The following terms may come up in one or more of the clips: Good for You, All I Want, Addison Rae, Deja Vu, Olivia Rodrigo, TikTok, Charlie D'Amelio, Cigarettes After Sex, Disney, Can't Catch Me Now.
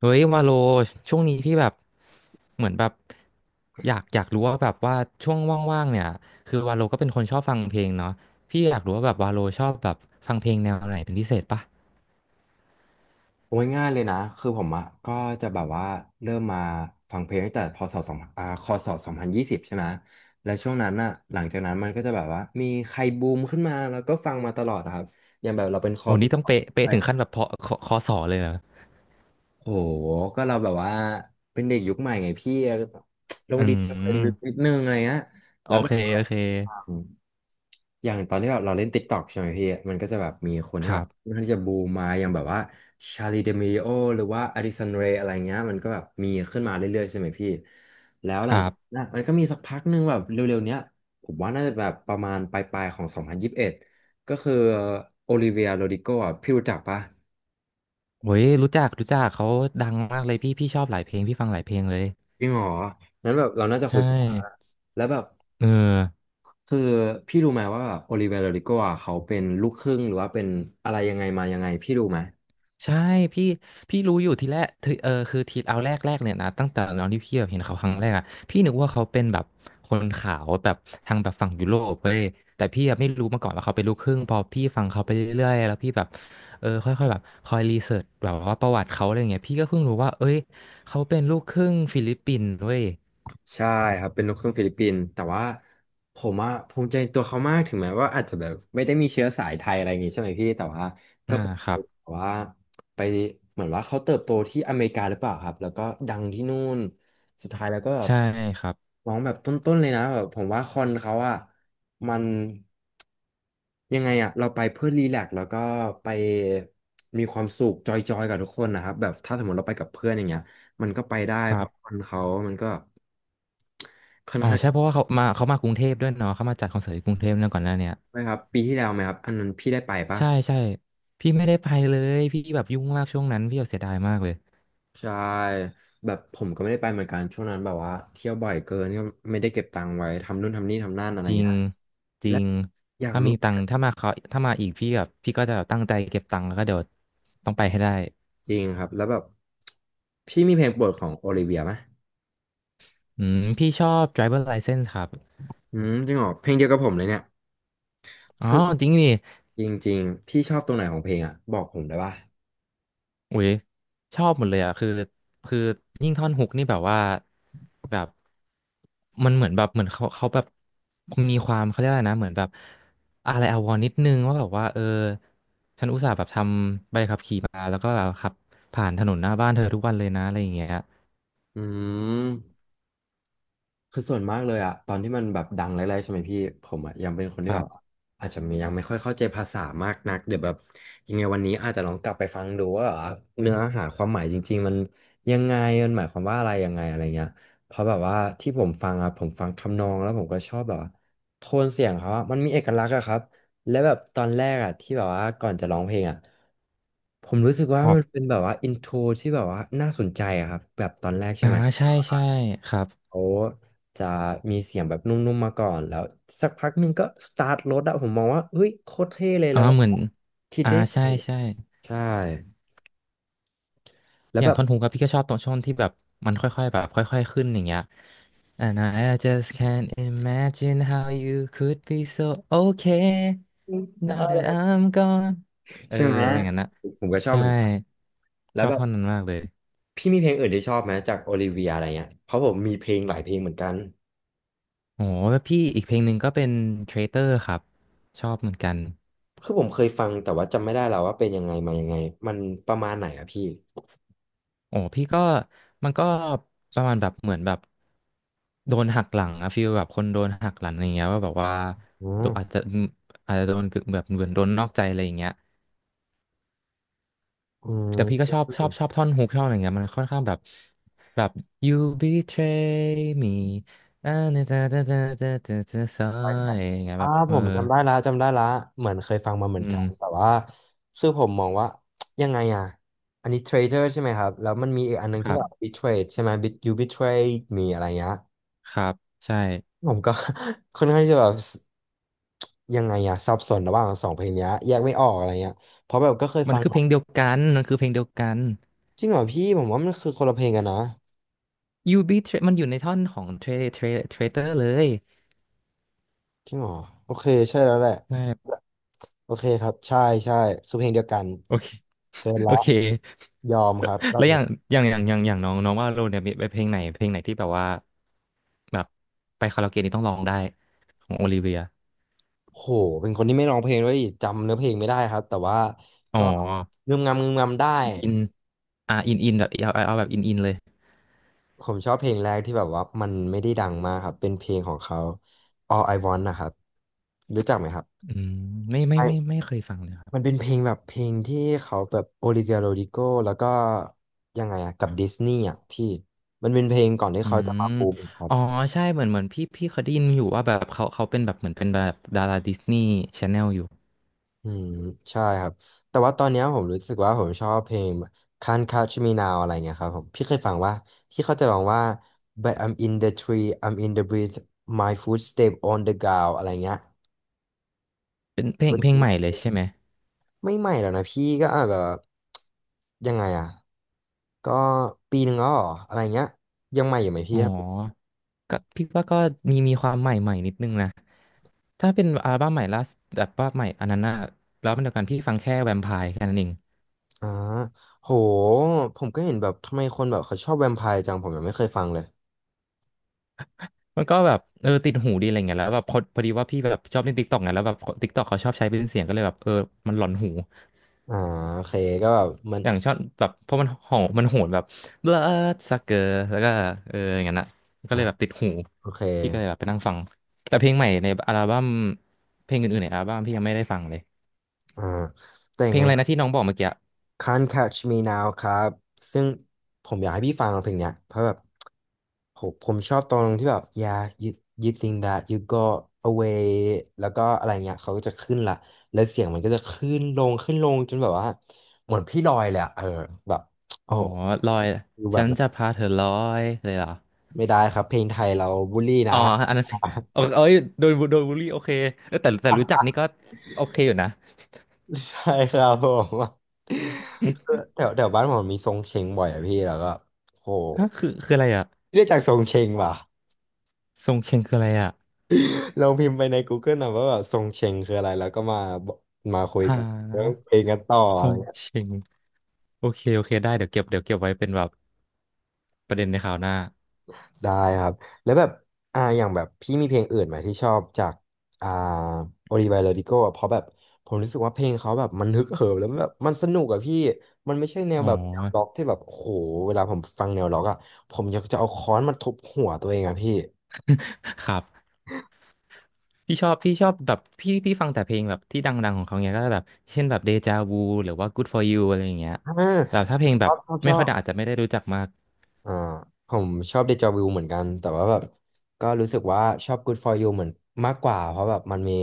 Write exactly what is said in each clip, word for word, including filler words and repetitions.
เฮ้ยวาโลช่วงนี้พี่แบบเหมือนแบบอยากอยากรู้ว่าแบบว่าช่วงว่างๆเนี่ยคือวาโลก็เป็นคนชอบฟังเพลงเนาะพี่อยากรู้ว่าแบบวาโลชอบแบบฟังเพลงแนวไหนเป็นพิเศษปะโอ้ยง่ายเลยนะ คือผมอะก็จะแบบว่าเริ่มมาฟังเพลงตั้งแต่พศสองอ่าคศสองพันยี่สิบใช่ไหมและช่วงนั้นอะหลังจากนั้นมันก็จะแบบว่ามีใครบูมขึ้นมาแล้วก็ฟังมาตลอดอะครับ โอ้นี่ต้องเป๊ะเป๊ะถึงขั้นแบบพอคคอสอเลยเหรอโห ก็เราแบบว่าเป็นเด็กยุคใหม่ไงพี่ ลงอืดีเทลอะไรลึกนิดมนึงอะไรเงี้ยโอแล้วแบเคบว่าโอเคอาอย่างตอนที่แบบเราเล่น TikTok ใช่ไหมพี่ มันก็จะแบบมีคนคที่แบรับบมันข้างที่จะบูมมาอย่างแบบว่าชาลีเดมิโอหรือว่าอดิสันเรย์อะไรเงี้ยมันก็แบบมีขึ้นมาเรื่อยๆใช่ไหมพี่ แล้วคหลังรัจากนั้นบอะมันก็มีสักพักหนึ่งแบบเร็วๆเนี้ยผมว่าน่าจะแบบประมาณปลายๆของ สองพันยี่สิบเอ็ด ก็คือโอลิเวียโรดิโกอ่ะพี่รู้จักปะ เฮ้ยรู้จักรู้จักเขาดังมากเลยพี่พี่ชอบหลายเพลงพี่ฟังหลายเพลงเลยจริงเหรอนั้นแบบเราน่าจะคุใช่ยกันได้แล้วแบบเออ คือพี่รู้ไหมว่าแบบโอลิเว r โรดิโกอ่ะเขาเป็นลูกครึ่งหรือว่าเป็นอะไรยังไงมายังไงพี่รู้ไหม ใช่พี่พี่รู้อยู่ทีแรกทีเออคือทีเอาแรกแรกเนี่ยนะตั้งแต่ตอนที่พี่แบบเห็นเขาครั้งแรกอะพี่นึกว่าเขาเป็นแบบคนขาวแบบทางแบบฝั่งยุโรปเว้ยแต่พี่อะไม่รู้มาก่อนว่าเขาเป็นลูกครึ่งพอพี่ฟังเขาไปเรื่อยๆแล้วพี่แบบเออค่อยๆแบบคอยรีเสิร์ชแบบว่าประวัติเขาอะไรเงี้ยพี่ก็เพิ่งรู้ว่าเอ้ยเขาเป็นลูกครึ่งฟิลิปปินส์เว้ยใช่ครับเป็นลูกครึ่งฟิลิปปินส์แต่ว่าผมอะภูมิใจในตัวเขามากถึงแม้ว่าอาจจะแบบไม่ได้มีเชื้อสายไทยอะไรอย่างงี้ใช่ไหมพี่แต่ว่าก็อ่าเป็นครับแบบว่าไปเหมือนว่าเขาเติบโตที่อเมริกาหรือเปล่าครับแล้วก็ดังที่นู่นสุดท้ายแล้วก็แบบใช่ครับร้องแบบต้นๆเลยนะแบบผมว่าคอนเขาอะมันยังไงอะเราไปเพื่อรีแลกซ์แล้วก็ไปมีความสุขจอยๆกับทุกคนนะครับแบบถ้าสมมติเราไปกับเพื่อนอย่างเงี้ย มันก็ไปได้คเพรัราะคบนเขามันก็ค่อนอ๋อข้างใช่เพราะว่าเขามาเขามากรุงเทพด้วยเนาะเขามาจัดคอนเสิร์ตที่กรุงเทพเนี่ยก่อนหน้าเนี้ย นะครับปีที่แล้วไหมครับอันนั้นพี่ได้ไปปะใช่ใช่พี่ไม่ได้ไปเลยพี่แบบยุ่งมากช่วงนั้นพี่แบบเสียดายมากเลยใช่แบบผมก็ไม่ได้ไปเหมือนกันช่วงนั้นแบบว่าเที่ยวบ่อยเกินก็ไม่ได้เก็บตังค์ไว้ทำนู่นทำนี่ทำนั่นอะไรจริงเงี้ยจริและงอยากถ้ารู้มีตังค์ถ้ามาเขาถ้ามาอีกพี่แบบพี่ก็จะแบบตั้งใจเก็บตังค์แล้วก็เดี๋ยวต้องไปให้ได้จริงครับแล้วแบบพี่มีเพลงโปรดของโอลิเวียไหมอืมพี่ชอบ driver license ครับอืมจริงเหรอเพลงเดียวกับผมเลยเนี่ยอ๋อคือจริงดิ จริงๆพี่ชอบตรงไหนของเพลงอ่ะบอกผมได้ปะอุ้ยชอบหมดเลยอ่ะคือคือยิ่งท่อนฮุกนี่แบบว่าแบบมันเหมือนแบบเหมือนเขาเขาแบบมีความเขาเรียกอะไรนะเหมือนแบบอะไรอาวรณ์นิดนึงว่าแบบว่าเออฉันอุตส่าห์แบบทำใบขับขี่มาแล้วก็แบบขับผ่านถนนหน้าบ้านเธอทุกวันเลยนะอะไรอย่างเงี้ยอืม คือส่วนมากเลยอะตอนที่มันแบบดังแรกๆใช่ไหมพี่ผมอะยังเป็นคนคที่รัแบบบอาจจะมียังไม่ค่อยเข้าใจภาษามากนักเดี๋ยวแบบยังไงวันนี้อาจจะลองกลับไปฟังดูว่าเนื้อหาความหมายจริงๆมันยังไงมันหมายความว่าอะไรยังไงอะไรเงี้ยเพราะแบบว่าที่ผมฟังอะผมฟังทำนองแล้วผมก็ชอบแบบว่าโทนเสียงเขาอะมันมีเอกลักษณ์อะครับและแบบตอนแรกอะที่แบบว่าก่อนจะร้องเพลงอะผมรู้สึกว่าคมันรับเป็นแบบว่าอินโทรที่แบบว่าน่าสนใจอะครับแบบตอนแรกใช่อ่าไหม ใช่ใช่ครับเขาจะมีเสียงแบบนุ่มๆมาก่อนแล้วสักพักหนึ่งก็สตาร์ทรถอะผมมองว่าเฮ้ยโคตรเท่เลยแล้อ่าวว่าเหมือนคิดอ่าได้ไงใช่ใช่ ใช่แล้วอย่าแบงบท่อนฮุกอะพี่ก็ชอบตรงช่วงที่แบบมันค่อยๆแบบค่อยๆขึ้นอย่างเงี้ย And I just can't imagine how you could be so okay now that I'm gone เออใช่ไหมอย่างนั้นนะผมก็ชอบใช่เหมือนกันแล้ชวอบแบบท่อนนั้นมากเลยพี่มีเพลงอื่นที่ชอบไหมจากโอลิเวียอะไรเงี้ยเพราะผมมีเพลงหลายเพลงเหมือนกันโหแล้วพี่อีกเพลงหนึ่งก็เป็น Traitor ครับชอบเหมือนกัน คือผมเคยฟังแต่ว่าจำไม่ได้แล้วว่าเป็นยังไงมายังไงมันประมาณไหนอะพี่โอ้พี่ก็มันก็ประมาณแบบเหมือนแบบโดนหักหลังอะฟีลแบบคนโดนหักหลังอะไรเงี้ยว่าแบบว่าอ๋อโดนอาจจะอาจจะโดนกึ่งแบบเหมือนโดนนอกใจอะไรอย่างเงี้ยอืแต่พี่ก็ม ชอบชอบชอบท่อนฮุกชอบอะไรเงี้ยมันค่อนข้างแบบแบบ you betray me อ่าเนตาตาตาตาตาตาซอร้แท้ยอย่างเงี้ยอ่าแบบเอผอมจำได้ละจำได้ละเหมือนเคยฟังมาเหมืออืนกันแต่มว่าคือผมมองว่ายังไงอ่ะอันนี้เทรดเดอร์ใช่ไหมครับ แล้วมันมีอีกอันนึงคที่รัแบบบบิทเทรดใช่ไหมบิทยูบิทเทรดมีอะไรเงี้ยครับใช่ผมก็ ค่อนข้างที่จะแบบยังไงอะสับสนระหว่างสองเพลงเนี้ยแยกไม่ออกอะไรเงี้ย เพราะแบบก็เคยมัฟันงคือเพมาลงเดียวกันมันคือเพลงเดียวกัน จริงเหรอพี่ผมว่ามันคือคนละเพลงกันนะ you betray มันอยู่ในท่อนของ tra tra traitor เลย จริงเหรอโอเคใช่แล้วแหละโอเคครับใช่ใช่คือเพลงเดียวกันโอเค เสร็จ โอแล้วเคยอมครับรอแล้บวอนี้ ย่างอย่างอย่างอย่างอย่างน้องน้องว่าโรเนี่ยมีไปเพลงไหนเพลงไหนที่แบบว่าแบบไปคาราโอเกะนี่ต้องร้องได้ของโอลิเวียโหเป็นคนที่ไม่ร้องเพลงด้วยอีกจำเนื้อเพลงไม่ได้ครับแต่ว่าอ๋อก็งึมงำงึมงำได้อินอ่าอินอินแบบเอาเอาเอาแบบอินอินเลยผมชอบเพลงแรกที่แบบว่ามันไม่ได้ดังมากครับเป็นเพลงของเขา All I Want นะครับรู้จักไหมครับอืมไม่ไม่ไอไม่ไม่เคยฟังเลยครับมันเป็นเพลงแบบเพลงที่เขาแบบโอลิเวียโรดิโกแล้วก็ยังไงอะกับดิสนีย์อะพี่มันเป็นเพลงก่อนที่อืเขาจะมมาบูมครับ อ๋อใช่เหมือนเหมือนพี่พี่เคยได้ยินอยู่ว่าแบบเขาเขาเป็นแบบเหมือนเป็นแบบดาราดิสนีย์ชาแนลอยู่อืมใช่ครับแต่ว่าตอนเนี้ยผมรู้สึกว่าผมชอบเพลง Can't Catch Me Now อะไรเงี้ยครับผมพี่เคยฟังว่าที่เขาจะร้องว่า But I'm in the tree I'm in the breeze my footstep on the ground อะไรเงี้ยเป็นเพลงก็เพลคืงอใหม่ว่าเลยใช่ไหมไม่ใหม่แล้วนะพี่ก็อาจแบบยังไงอ่ะก็ปีหนึ่งแล้วเหรออะไรเงี้ยยังใหม่อยู่ไหมพี่อ๋อครับก็พี่ว่าก็มีมีความใหม่ใหม่นิดนึงนะ ถ้าเป็นอัลบั้มใหม่ล่าสุดแบบว่าใหม่อันนั้นน่ะแล้วมันเดียวกันพี่ฟังแค่แวมไพร์แค่นั้นเองอ่าโหผมก็เห็นแบบทำไมคนแบบเขาชอบแวมไพร์จังผมยังไม่เคยฟังเลยมันก็แบบเออติดหูดีอะไรเงี้ยแล้วแบบพอพอดีว่าพี่แบบชอบเล่นติ๊กต็อกไงแล้วแบบติ๊กต็อกเขาชอบใช้เป็นเสียงก็เลยแบบเออมันหลอนหูอ่าโอเคก็แบบมันอย่างชอบแบบเพราะมันหองมันโหนแบบ blood sucker แล้วก็เอออย่างนั้นน่ะก็อ่ะเลยแบบติดหูโอเค พี่ก็เลยแบบไปนั่งฟังแต่เพลงใหม่ในอัลบั้มเพลงอื่นๆในอัลบั้มพี่ยังไม่ได้ฟังเลยอ่าแต่เพยัลงงไง อะไรนะที่น้องบอกเมื่อกี้ Can't Catch Me Now ครับซึ่งผมอยากให้พี่ฟังเพลงเนี้ยเพราะแบบโหผมชอบตรงที่แบบ yeah you you think that you go away แล้วก็อะไรเงี้ยเขาก็จะขึ้นละแล้วเสียงมันก็จะขึ้นลงขึ้นลงจนแบบว่าเหมือนพี่ลอยเลยอะเออแบบโอ้อ๋อโหลอยดูแบฉับนจะพาเธอลอยเลยเหรอ ไม่ได้ครับเพลงไทยเราบูลลี่อ๋นะ ออันนั้นเป็นโออเอ้ยโดนโดนบูลลี่โอเคเออแต่แต่รู้จักนี่ก็โอเคอยู่นะ ใช่ครับผม แถวแถวบ้านผมมีทรงเชงบ่อยอะพี่แล้วก็โหฮะคือคืออะไรอ่ะเรียกจากทรงเชงว่ะ ทรงเชงคืออะไรอ่ะลรงพิมพ์ไปใน Google นะว่าแบบทรงเชงคืออะไรแล้วก็มาบอกมาคุยหกันเรื่องาเพลงกันต่อทอะรไรงเงี้ยเชงโอเคโอเคได้เดี๋ยวเก็บเดี๋ยวเก็บไว้เป็นแบบประเด็นในคราวหน้าได้ครับแล้วแบบอ่าอย่างแบบพี่มีเพลงอื่นไหมที่ชอบจากอ่าโอลิไวาโรดิโกะเพราะแบบผมรู้สึกว่าเพลงเขาแบบมันฮึกเหิมแล้วแบบมันสนุกอะพี่มันไม่ใช่แนวอ๋อ แบบแนวล็อกที่แบบโอ้โหเวลาผมฟังแนวล็อกอะผมอยากจะเอาค้อนมาทุบหัวตัวเองอะพี่ ครับ พี่ชอบพี่ชอบแบบพี่พี่ฟังแต่เพลงแบบที่ดังๆของเขาเนี้ยก็แบบเช่นแบบเดจาวูหรือว่า Good for You อะไรอย่างเงี้ยอ่าแบบถ้าเพลงชแบอบบชอบชไม่อค่อยบ ดังอาจจะไม่ได้รู้จักมาก อ่าผมชอบเดจาวิวเหมือนกันแต่ว่าแบบก็รู้สึกว่าชอบ Good for You เหมือนมากกว่าเพราะแบบมันมี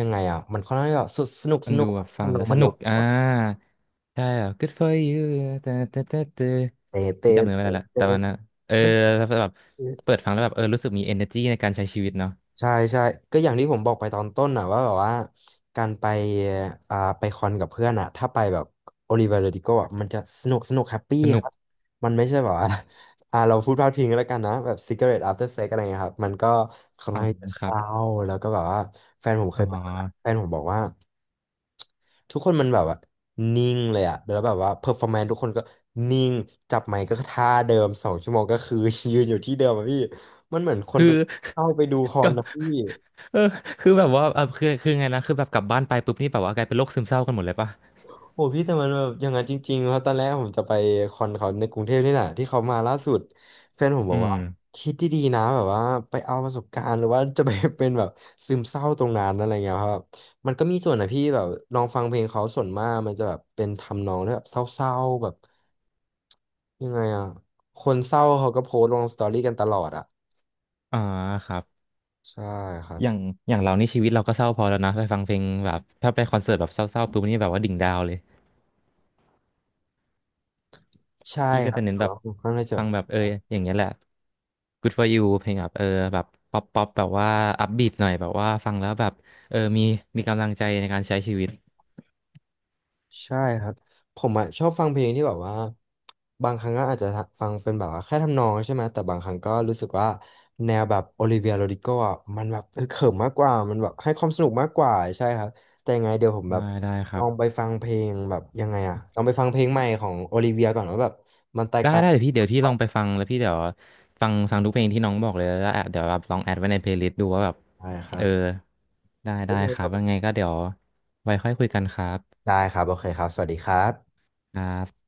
ยังไงอ่ะมันค่อนข้างที่จะสสนุกสมันนุดูกแบบฟังทำนอแล้งวมัสนเร็นุวก อ่ากว่าใช่แบบ good for you แต่แต่แต่แต่เตะเตะที่จำเนื้อไม่ได้เตะละเตะแต่มันนะเออเตะแล้วแบบเปิเตะดฟังแล้วแบบเออรู้สึกมี energy ในการใช้ชีวิตเนาะใช่ใช่ก็อย่างที่ผมบอกไปตอนต้นน่ะว่าแบบว่าการไปอ่าไปคอนกับเพื่อนอ่ะถ้าไปแบบโอลิเว r ร์ดิโกอ่ะมันจะสนุกสนุกแฮปปี้สนุคกรับมันไม่ใช่แบบว่า อ่าเราพูดพลาดพิงกันแล้วกันนะแบบ cigarette after sex อะไรเงี้ยครับมันก็ อ๋อคเศรัร้าบแล้วก็แบบว่าแฟนผมเคอ๋อยไปแฟนผมบอกว่าทุกคนมันแบบว่านิ่งเลยอะแล้วแบบว่าเพอร์ฟอร์แมนซ์ทุกคนก็นิ่งจับไมค์ก็ท่าเดิมสองชั่วโมงก็คือ ยืนอยู่ที่เดิมอะพี่มันเหมือนคนคือ เป็นเข้าไปดูคอ กนลับนะพี่ เออคือแบบว่าเออคือคือไงนะคือแบบกลับบ้านไปปุ๊บนี่แบบว่ากลายเป็นโรคซึมเศร้ากันหมดเลยปะโหพี่แต่มันแบบอย่างนั้นจริงๆครับตอนแรกผมจะไปคอนเขาในกรุงเทพนี่แหละที่เขามาล่าสุดแฟนผมบอือกมว่าคิดดีๆนะแบบว่าไปเอาประสบการณ์หรือว่าจะไปเป็นแบบซึมเศร้าตรงนั้นอะไรเงี้ยครับมันก็มีส่วนนะพี่แบบลองฟังเพลงเขาส่วนมากมันจะแบบเป็นทำนองที่แบบเศร้าๆแบบยังไงอ่ะคนเศร้าเขาก็โพสต์ลงสตอรี่กันตลอดอ่ะอ๋อครับใช่ครัอย่าบงอย่างเรานี่ชีวิตเราก็เศร้าพอแล้วนะไปฟังเพลงแบบถ้าไปคอนเสิร์ตแบบเศร้าๆปุ๊บนี่แบบว่าดิ่งดาวเลย ใช่พี่ก็ครับจะเน้นแต่แบบว่าผมค่อนข้างจะ ฟังแบบเอออย่างเงี้ยแหละ Good for you เพลงแบบเออแบบป๊อปป๊อปแบบว่าอัพบีทหน่อยแบบว่าฟังแล้วแบบเออมีมีกำลังใจในการใช้ชีวิตใช่ครับผมอ่ะชอบฟังเพลงที่แบบว่าบางครั้งก็อาจจะฟังเป็นแบบว่าแค่ทำนองใช่ไหมแต่บางครั้งก็รู้สึกว่าแนวแบบโอลิเวียโรดิโกอ่ะมันแบบเออเขิมมากกว่ามันแบบให้ความสนุกมากกว่าใช่ครับแต่ยังไงเดี๋ยวผมแบได้บได้คลรัองไปบฟังเพลงแบบยังไงอ่ะลองไปฟังเพลงใหม่ของโอลิเวียก่อนว่าแบบมันแตกได้ต่างได้กัเดี๋ยวพี่นเดี๋ยวพี่ลองไปฟังแล้วพี่เดี๋ยวฟังฟังทุกเพลงที่น้องบอกเลยแล้วแอบเดี๋ยวแบบลองแอดไว้ในเพลย์ลิสต์ดูว่าแบบใช่ครัเอบอได้ได้ครับว่าไงก็เดี๋ยวไว้ค่อยคุยกันครับได้ครับโอเคครับสวัสดีครับครับ